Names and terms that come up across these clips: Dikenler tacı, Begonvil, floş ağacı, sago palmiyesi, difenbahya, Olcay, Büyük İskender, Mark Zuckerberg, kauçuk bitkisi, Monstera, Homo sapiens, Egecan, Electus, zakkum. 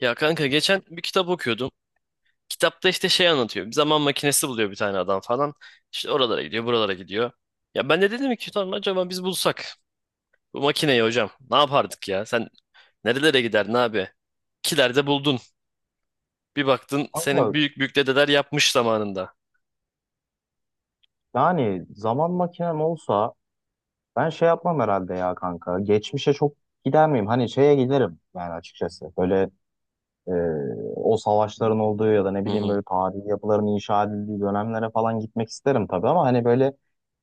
Ya kanka geçen bir kitap okuyordum. Kitapta işte şey anlatıyor. Bir zaman makinesi buluyor bir tane adam falan. İşte oralara gidiyor, buralara gidiyor. Ya ben de dedim ki "Ulan acaba biz bulsak bu makineyi hocam ne yapardık ya? Sen nerelere giderdin abi? Kilerde buldun. Bir baktın senin Kanka büyük büyük dedeler yapmış zamanında. yani zaman makinem olsa ben şey yapmam herhalde ya kanka. Geçmişe çok gider miyim? Hani şeye giderim yani açıkçası. Böyle e, o savaşların olduğu ya da ne Hı bileyim hı. böyle tarihi yapıların inşa edildiği dönemlere falan gitmek isterim tabii ama hani böyle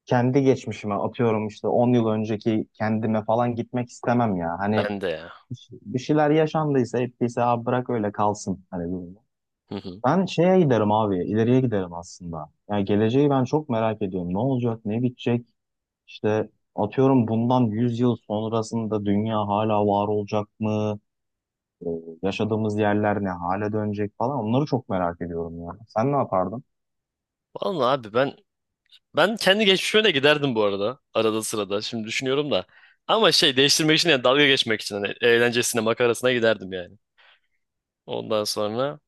kendi geçmişime atıyorum işte 10 yıl önceki kendime falan gitmek istemem ya. Hani Ben de ya. bir şeyler yaşandıysa ettiyse abi bırak öyle kalsın hani durumu. Hı hı. Ben şeye giderim abi, ileriye giderim aslında. Yani geleceği ben çok merak ediyorum. Ne olacak, ne bitecek? İşte atıyorum bundan 100 yıl sonrasında dünya hala var olacak mı? Ee, yaşadığımız yerler ne hale dönecek falan onları çok merak ediyorum ya. Sen ne yapardın? Vallahi abi ben kendi geçmişime de giderdim bu arada. Arada sırada. Şimdi düşünüyorum da. Ama şey değiştirmek için yani dalga geçmek için hani eğlencesine makarasına giderdim yani. Ondan sonra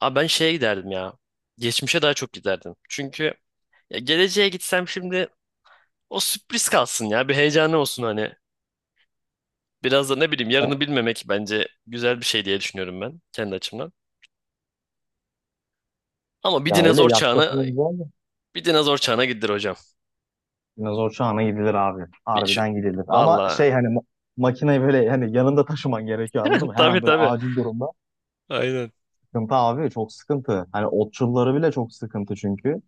abi ben şeye giderdim ya. Geçmişe daha çok giderdim. Çünkü ya geleceğe gitsem şimdi o sürpriz kalsın ya. Bir heyecanı olsun hani. Biraz da ne bileyim Ya yarını bilmemek bence güzel bir şey diye düşünüyorum ben kendi açımdan. Ama bir ya öyle dinozor çağına yaklaşımı güzel de. bir dinozor çağına gidilir hocam. Dinozor çağına gidilir abi. Bir şu, Harbiden gidilir. Ama valla. şey hani makineyi böyle hani yanında taşıman gerekiyor anladın mı? Her an Tabii böyle tabii. acil durumda. Aynen. Sıkıntı abi çok sıkıntı. Hani otçulları bile çok sıkıntı çünkü.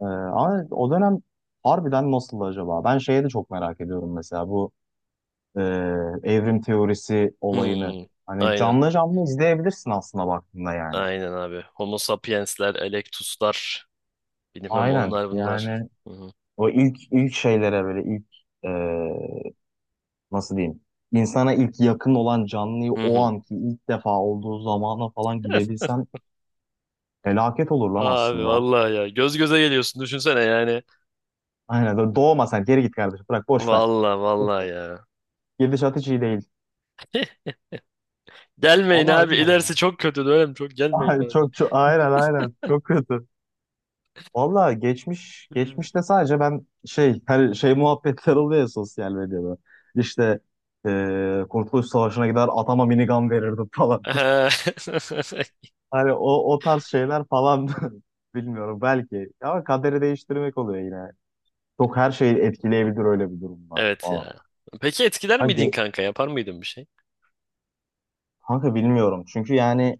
Ama o dönem harbiden nasıldı acaba? Ben şeye de çok merak ediyorum mesela bu e, evrim teorisi olayını. Hmm, Hani aynen. canlı canlı izleyebilirsin aslında baktığında yani. Aynen abi. Homo sapiensler, Electus'lar. Bilmem Aynen onlar bunlar. yani Hı hı. o ilk şeylere böyle ilk e, nasıl diyeyim insana ilk yakın olan canlıyı Hı o hı. anki ilk defa olduğu zamana falan gidebilsen felaket olur lan Abi aslında. vallahi ya göz göze geliyorsun düşünsene yani. Aynen doğma sen geri git kardeşim bırak boş ver. Valla Boş valla ver. ya. Gidişat hiç iyi değil. Gelmeyin Vallahi abi. bilmiyorum İlerisi ya. çok kötü dönem. Çok gelmeyin Ay, abi. çok aynen aynen çok kötü. Valla geçmiş Hmm. geçmişte sadece ben şey her şey muhabbetler oluyor ya sosyal medyada. İşte Kurtuluş Savaşı'na gider atama minigun verirdim falan. Ehe. Hani o tarz şeyler falan bilmiyorum belki. Ama kaderi değiştirmek oluyor yine. Çok her şeyi etkileyebilir öyle bir durumda. Evet Falan. ya. Peki etkiler Ha, miydin kanka? Yapar mıydın bir şey? kanka bilmiyorum. Çünkü yani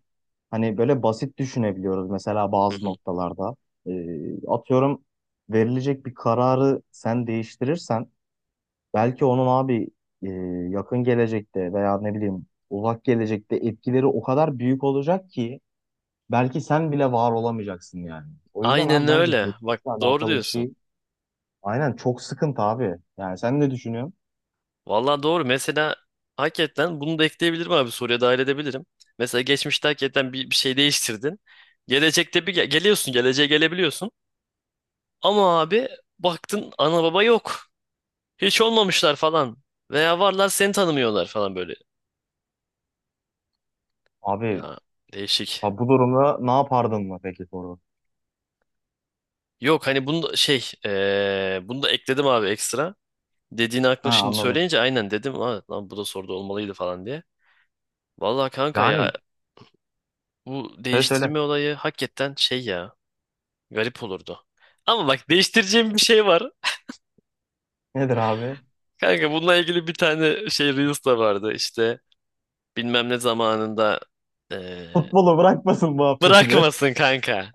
hani böyle basit düşünebiliyoruz mesela Hı bazı hı. noktalarda. Atıyorum verilecek bir kararı sen değiştirirsen belki onun abi e, yakın gelecekte veya ne bileyim uzak gelecekte etkileri o kadar büyük olacak ki belki sen bile var olamayacaksın yani. O yüzden Aynen abi bence öyle. Bak geçmişle doğru alakalı bir diyorsun. şey aynen çok sıkıntı abi. Yani sen ne düşünüyorsun? Valla doğru. Mesela hakikaten bunu da ekleyebilirim abi. Soruya dahil edebilirim. Mesela geçmişte hakikaten bir şey değiştirdin. Gelecekte bir geliyorsun. Geleceğe gelebiliyorsun. Ama abi baktın ana baba yok. Hiç olmamışlar falan. Veya varlar seni tanımıyorlar falan böyle. Abi Ya değişik. ha bu durumda ne yapardın mı peki soru? Yok hani bunu da şey bunu da ekledim abi ekstra. Dediğini aklıma Ha şimdi anladım. söyleyince aynen dedim. "Aa, lan bu da soruda olmalıydı falan diye. Vallahi kanka ya Yani bu söyle söyle. değiştirme olayı hakikaten şey ya garip olurdu. Ama bak değiştireceğim bir şey var. Nedir abi? Kanka bununla ilgili bir tane şey Reels da vardı işte bilmem ne zamanında eee, Futbolu bırakmasın muhabbeti be. bırakmasın kanka.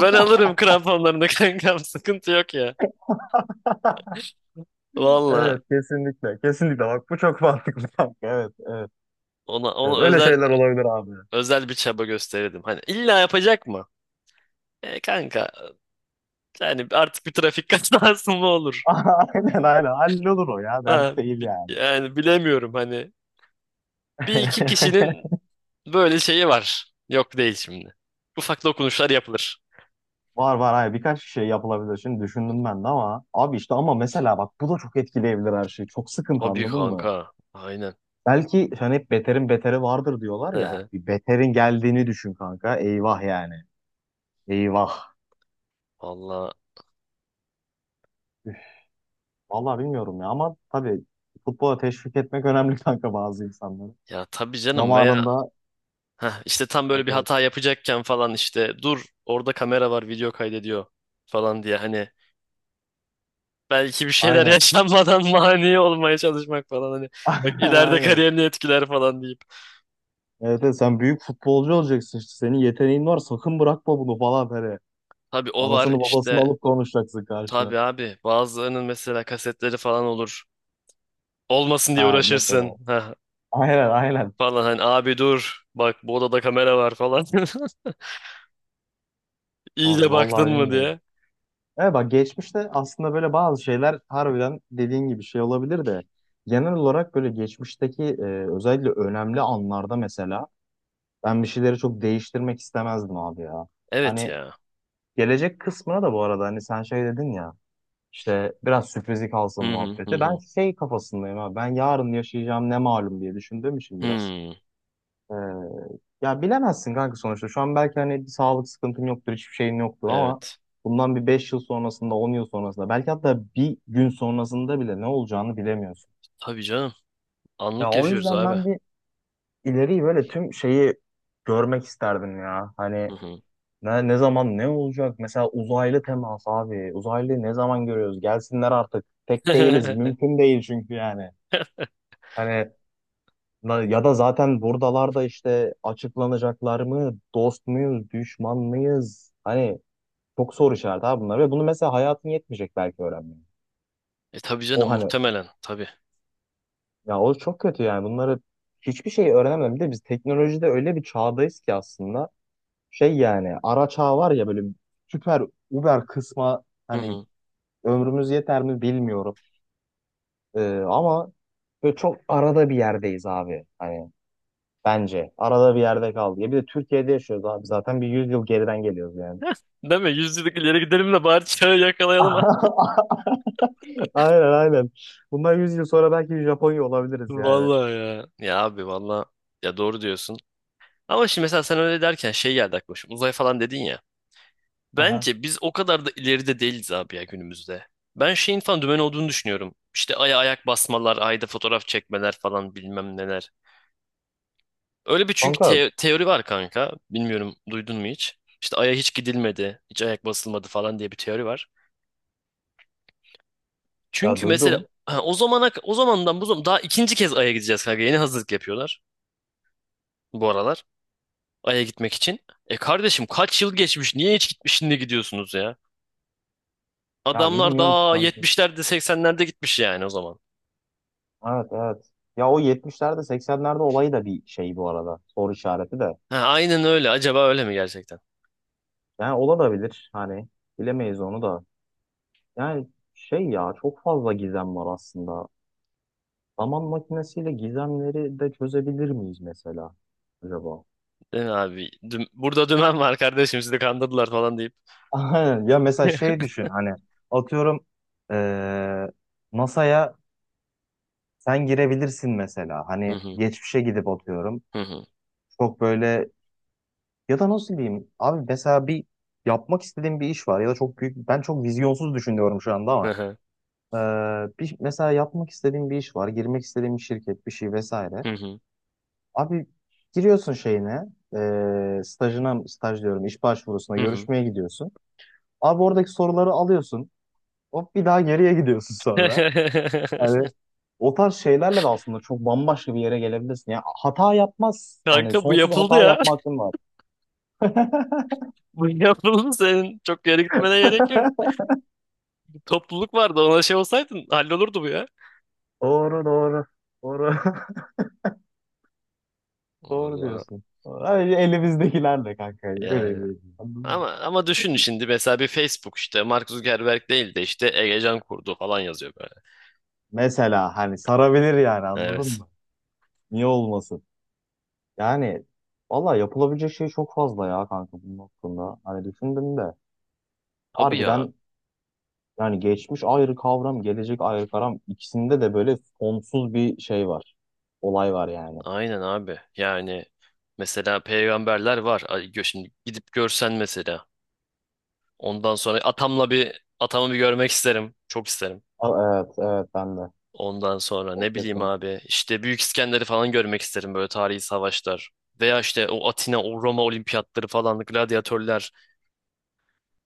Ben alırım kramponlarını kankam sıkıntı yok ya. Vallahi Evet kesinlikle kesinlikle bak bu çok mantıklı kanka, evet evet ona evet, öyle özel şeyler olabilir abi. özel bir çaba gösterirdim. Hani illa yapacak mı? E kanka yani artık bir trafik kazası mı olur? Aynen aynen, hallolur o ya Ha, dert değil yani. yani bilemiyorum hani. Bir iki kişinin böyle şeyi var. Yok değil şimdi. Ufak dokunuşlar yapılır. Var var, hayır birkaç şey yapılabilir. Şimdi düşündüm ben de ama abi işte ama mesela bak bu da çok etkileyebilir her şeyi. Çok sıkıntı Tabii anladın mı? kanka. Aynen. Belki hani hep beterin beteri vardır diyorlar Hı ya. hı. Bir beterin geldiğini düşün kanka. Eyvah yani. Eyvah. Vallahi Üf, vallahi bilmiyorum ya ama tabii futbola teşvik etmek önemli kanka bazı insanları. ya tabii canım veya Zamanında heh, işte tam evet, böyle bir evet. hata yapacakken falan işte dur orada kamera var video kaydediyor falan diye hani belki bir şeyler Aynen. yaşanmadan mani olmaya çalışmak falan hani. Bak Aynen ileride aynen. kariyerini etkiler falan deyip. Evet, evet, sen büyük futbolcu olacaksın işte. Senin yeteneğin var. Sakın bırakma bunu falan böyle. Tabii o var Anasını babasını işte. alıp konuşacaksın karşına. Tabii abi bazılarının mesela kasetleri falan olur. Olmasın diye Ha mesela. uğraşırsın. Heh, Aynen aynen. falan hani abi dur bak bu odada kamera var falan. Abi İyice baktın vallahi mı bilmiyorum. diye. Evet bak geçmişte aslında böyle bazı şeyler harbiden dediğin gibi şey olabilir de genel olarak böyle geçmişteki özellikle önemli anlarda mesela ben bir şeyleri çok değiştirmek istemezdim abi ya. Evet Hani ya. gelecek kısmına da bu arada hani sen şey dedin ya, İşte biraz sürprizi kalsın Hı hı hı muhabbeti. Ben hı. şey kafasındayım abi. Ben yarın yaşayacağım ne malum diye düşündüğüm için biraz. Hmm, Ee, ya bilemezsin kanka sonuçta. Şu an belki hani bir sağlık sıkıntın yoktur, hiçbir şeyin yoktur ama evet. bundan bir 5 yıl sonrasında, 10 yıl sonrasında, belki hatta bir gün sonrasında bile ne olacağını bilemiyorsun. Tabii canım. Ya Anlık o yaşıyoruz yüzden abi. ben bir ileriyi böyle tüm şeyi görmek isterdim ya. Hani Hı hı. ne zaman ne olacak? Mesela uzaylı temas abi. Uzaylı ne zaman görüyoruz? Gelsinler artık. Tek değiliz. Mümkün değil çünkü yani. Hani ya da zaten buradalar da işte açıklanacaklar mı? Dost muyuz? Düşman mıyız? Hani çok soru işareti abi bunlar. Ve bunu mesela hayatın yetmeyecek belki öğrenmeye. E tabii canım O hani muhtemelen tabii. ya o çok kötü yani. Bunları hiçbir şey öğrenemem. Bir de biz teknolojide öyle bir çağdayız ki aslında. Şey yani ara çağ var ya böyle süper Uber kısma Hı hani hı. ömrümüz yeter mi bilmiyorum. Ama böyle çok arada bir yerdeyiz abi. Hani bence arada bir yerde kaldı. Ya bir de Türkiye'de yaşıyoruz abi. Zaten bir 100 yıl geriden geliyoruz yani. Değil mi? Yüzyıllık ileri gidelim de bari çağı yakalayalım. Aynen aynen. Bundan 100 yıl sonra belki Japonya olabiliriz yani. Vallahi ya. Ya abi valla ya doğru diyorsun. Ama şimdi mesela sen öyle derken şey geldi aklıma. Şimdi uzay falan dedin ya. Aha. Bence biz o kadar da ileride değiliz abi ya günümüzde. Ben şeyin falan dümen olduğunu düşünüyorum. İşte aya ayak basmalar, ayda fotoğraf çekmeler falan bilmem neler. Öyle bir çünkü Kanka teori var kanka. Bilmiyorum duydun mu hiç? İşte aya hiç gidilmedi, hiç ayak basılmadı falan diye bir teori var. ya Çünkü mesela duydum. ha, o zamana o zamandan bu zaman daha ikinci kez aya gideceğiz kanka. Yeni hazırlık yapıyorlar bu aralar. Ay'a gitmek için. E kardeşim kaç yıl geçmiş? Niye hiç gitmiş şimdi gidiyorsunuz ya? Ya Adamlar bilmiyorum ki daha kanka. 70'lerde 80'lerde gitmiş yani o zaman. Evet evet. Ya o 70'lerde 80'lerde olayı da bir şey bu arada. Soru işareti de. Ha, aynen öyle. Acaba öyle mi gerçekten? Yani olabilir. Hani bilemeyiz onu da. Yani şey ya çok fazla gizem var aslında. Zaman makinesiyle gizemleri de çözebilir miyiz mesela acaba? Değil mi abi? Burada dümen var kardeşim sizi kandırdılar falan deyip. Aynen. Ya mesela şey düşün hani atıyorum eee NASA'ya sen girebilirsin mesela. Hı Hani hı, geçmişe gidip atıyorum. hı hı, Çok böyle ya da nasıl diyeyim abi mesela bir yapmak istediğim bir iş var ya da çok büyük ben çok vizyonsuz düşünüyorum şu anda hı ama hı, bir, mesela yapmak istediğim bir iş var girmek istediğim bir şirket bir şey vesaire. hı hı, Abi giriyorsun şeyine, stajına, staj diyorum, iş başvurusuna hı hı. görüşmeye gidiyorsun. Abi oradaki soruları alıyorsun. Hop bir daha geriye gidiyorsun sonra. Hani o tarz şeylerle de aslında çok bambaşka bir yere gelebilirsin. Yani hata yapmaz. Hani Kanka bu sonsuz yapıldı hata ya. yapma hakkın var. Bu yapıldı senin çok yere gitmene gerek yok. Topluluk vardı ona şey olsaydın hallolurdu bu ya. Doğru doğru. Doğru. Doğru Vallahi diyorsun. Doğru. Hani elimizdekilerle kanka. Öyle yani. bir. Anladın mı? Ama düşün şimdi mesela bir Facebook işte Mark Zuckerberg değil de işte Egecan kurdu falan yazıyor böyle. Mesela hani sarabilir yani anladın Evet. mı? Niye olmasın? Yani valla yapılabilecek şey çok fazla ya kanka bunun hakkında. Hani düşündüm de Tabii ya. harbiden yani geçmiş ayrı kavram, gelecek ayrı kavram ikisinde de böyle sonsuz bir şey var. Olay var yani. Aynen abi. Yani mesela peygamberler var. Ay, şimdi gidip görsen mesela. Ondan sonra atamla bir atamı bir görmek isterim. Çok isterim. Evet, evet ben de. Ondan sonra O ne bileyim kesin. abi işte Büyük İskender'i falan görmek isterim böyle tarihi savaşlar. Veya işte o Atina, o Roma olimpiyatları falan, gladyatörler.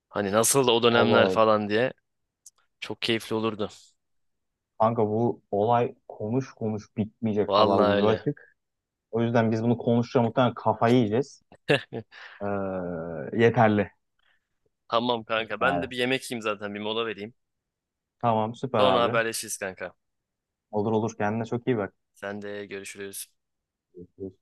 Hani nasıl o dönemler Valla falan diye. Çok keyifli olurdu. kanka bu olay konuş konuş bitmeyecek kadar Vallahi ucu öyle. açık. O yüzden biz bunu konuşacağız muhtemelen kafayı yiyeceğiz. Ee, yeterli Tamam kanka ben yani. de bir yemek yiyeyim zaten bir mola vereyim. Tamam süper Sonra abi. haberleşiriz kanka. Olur olur kendine çok iyi Sen de görüşürüz. bak.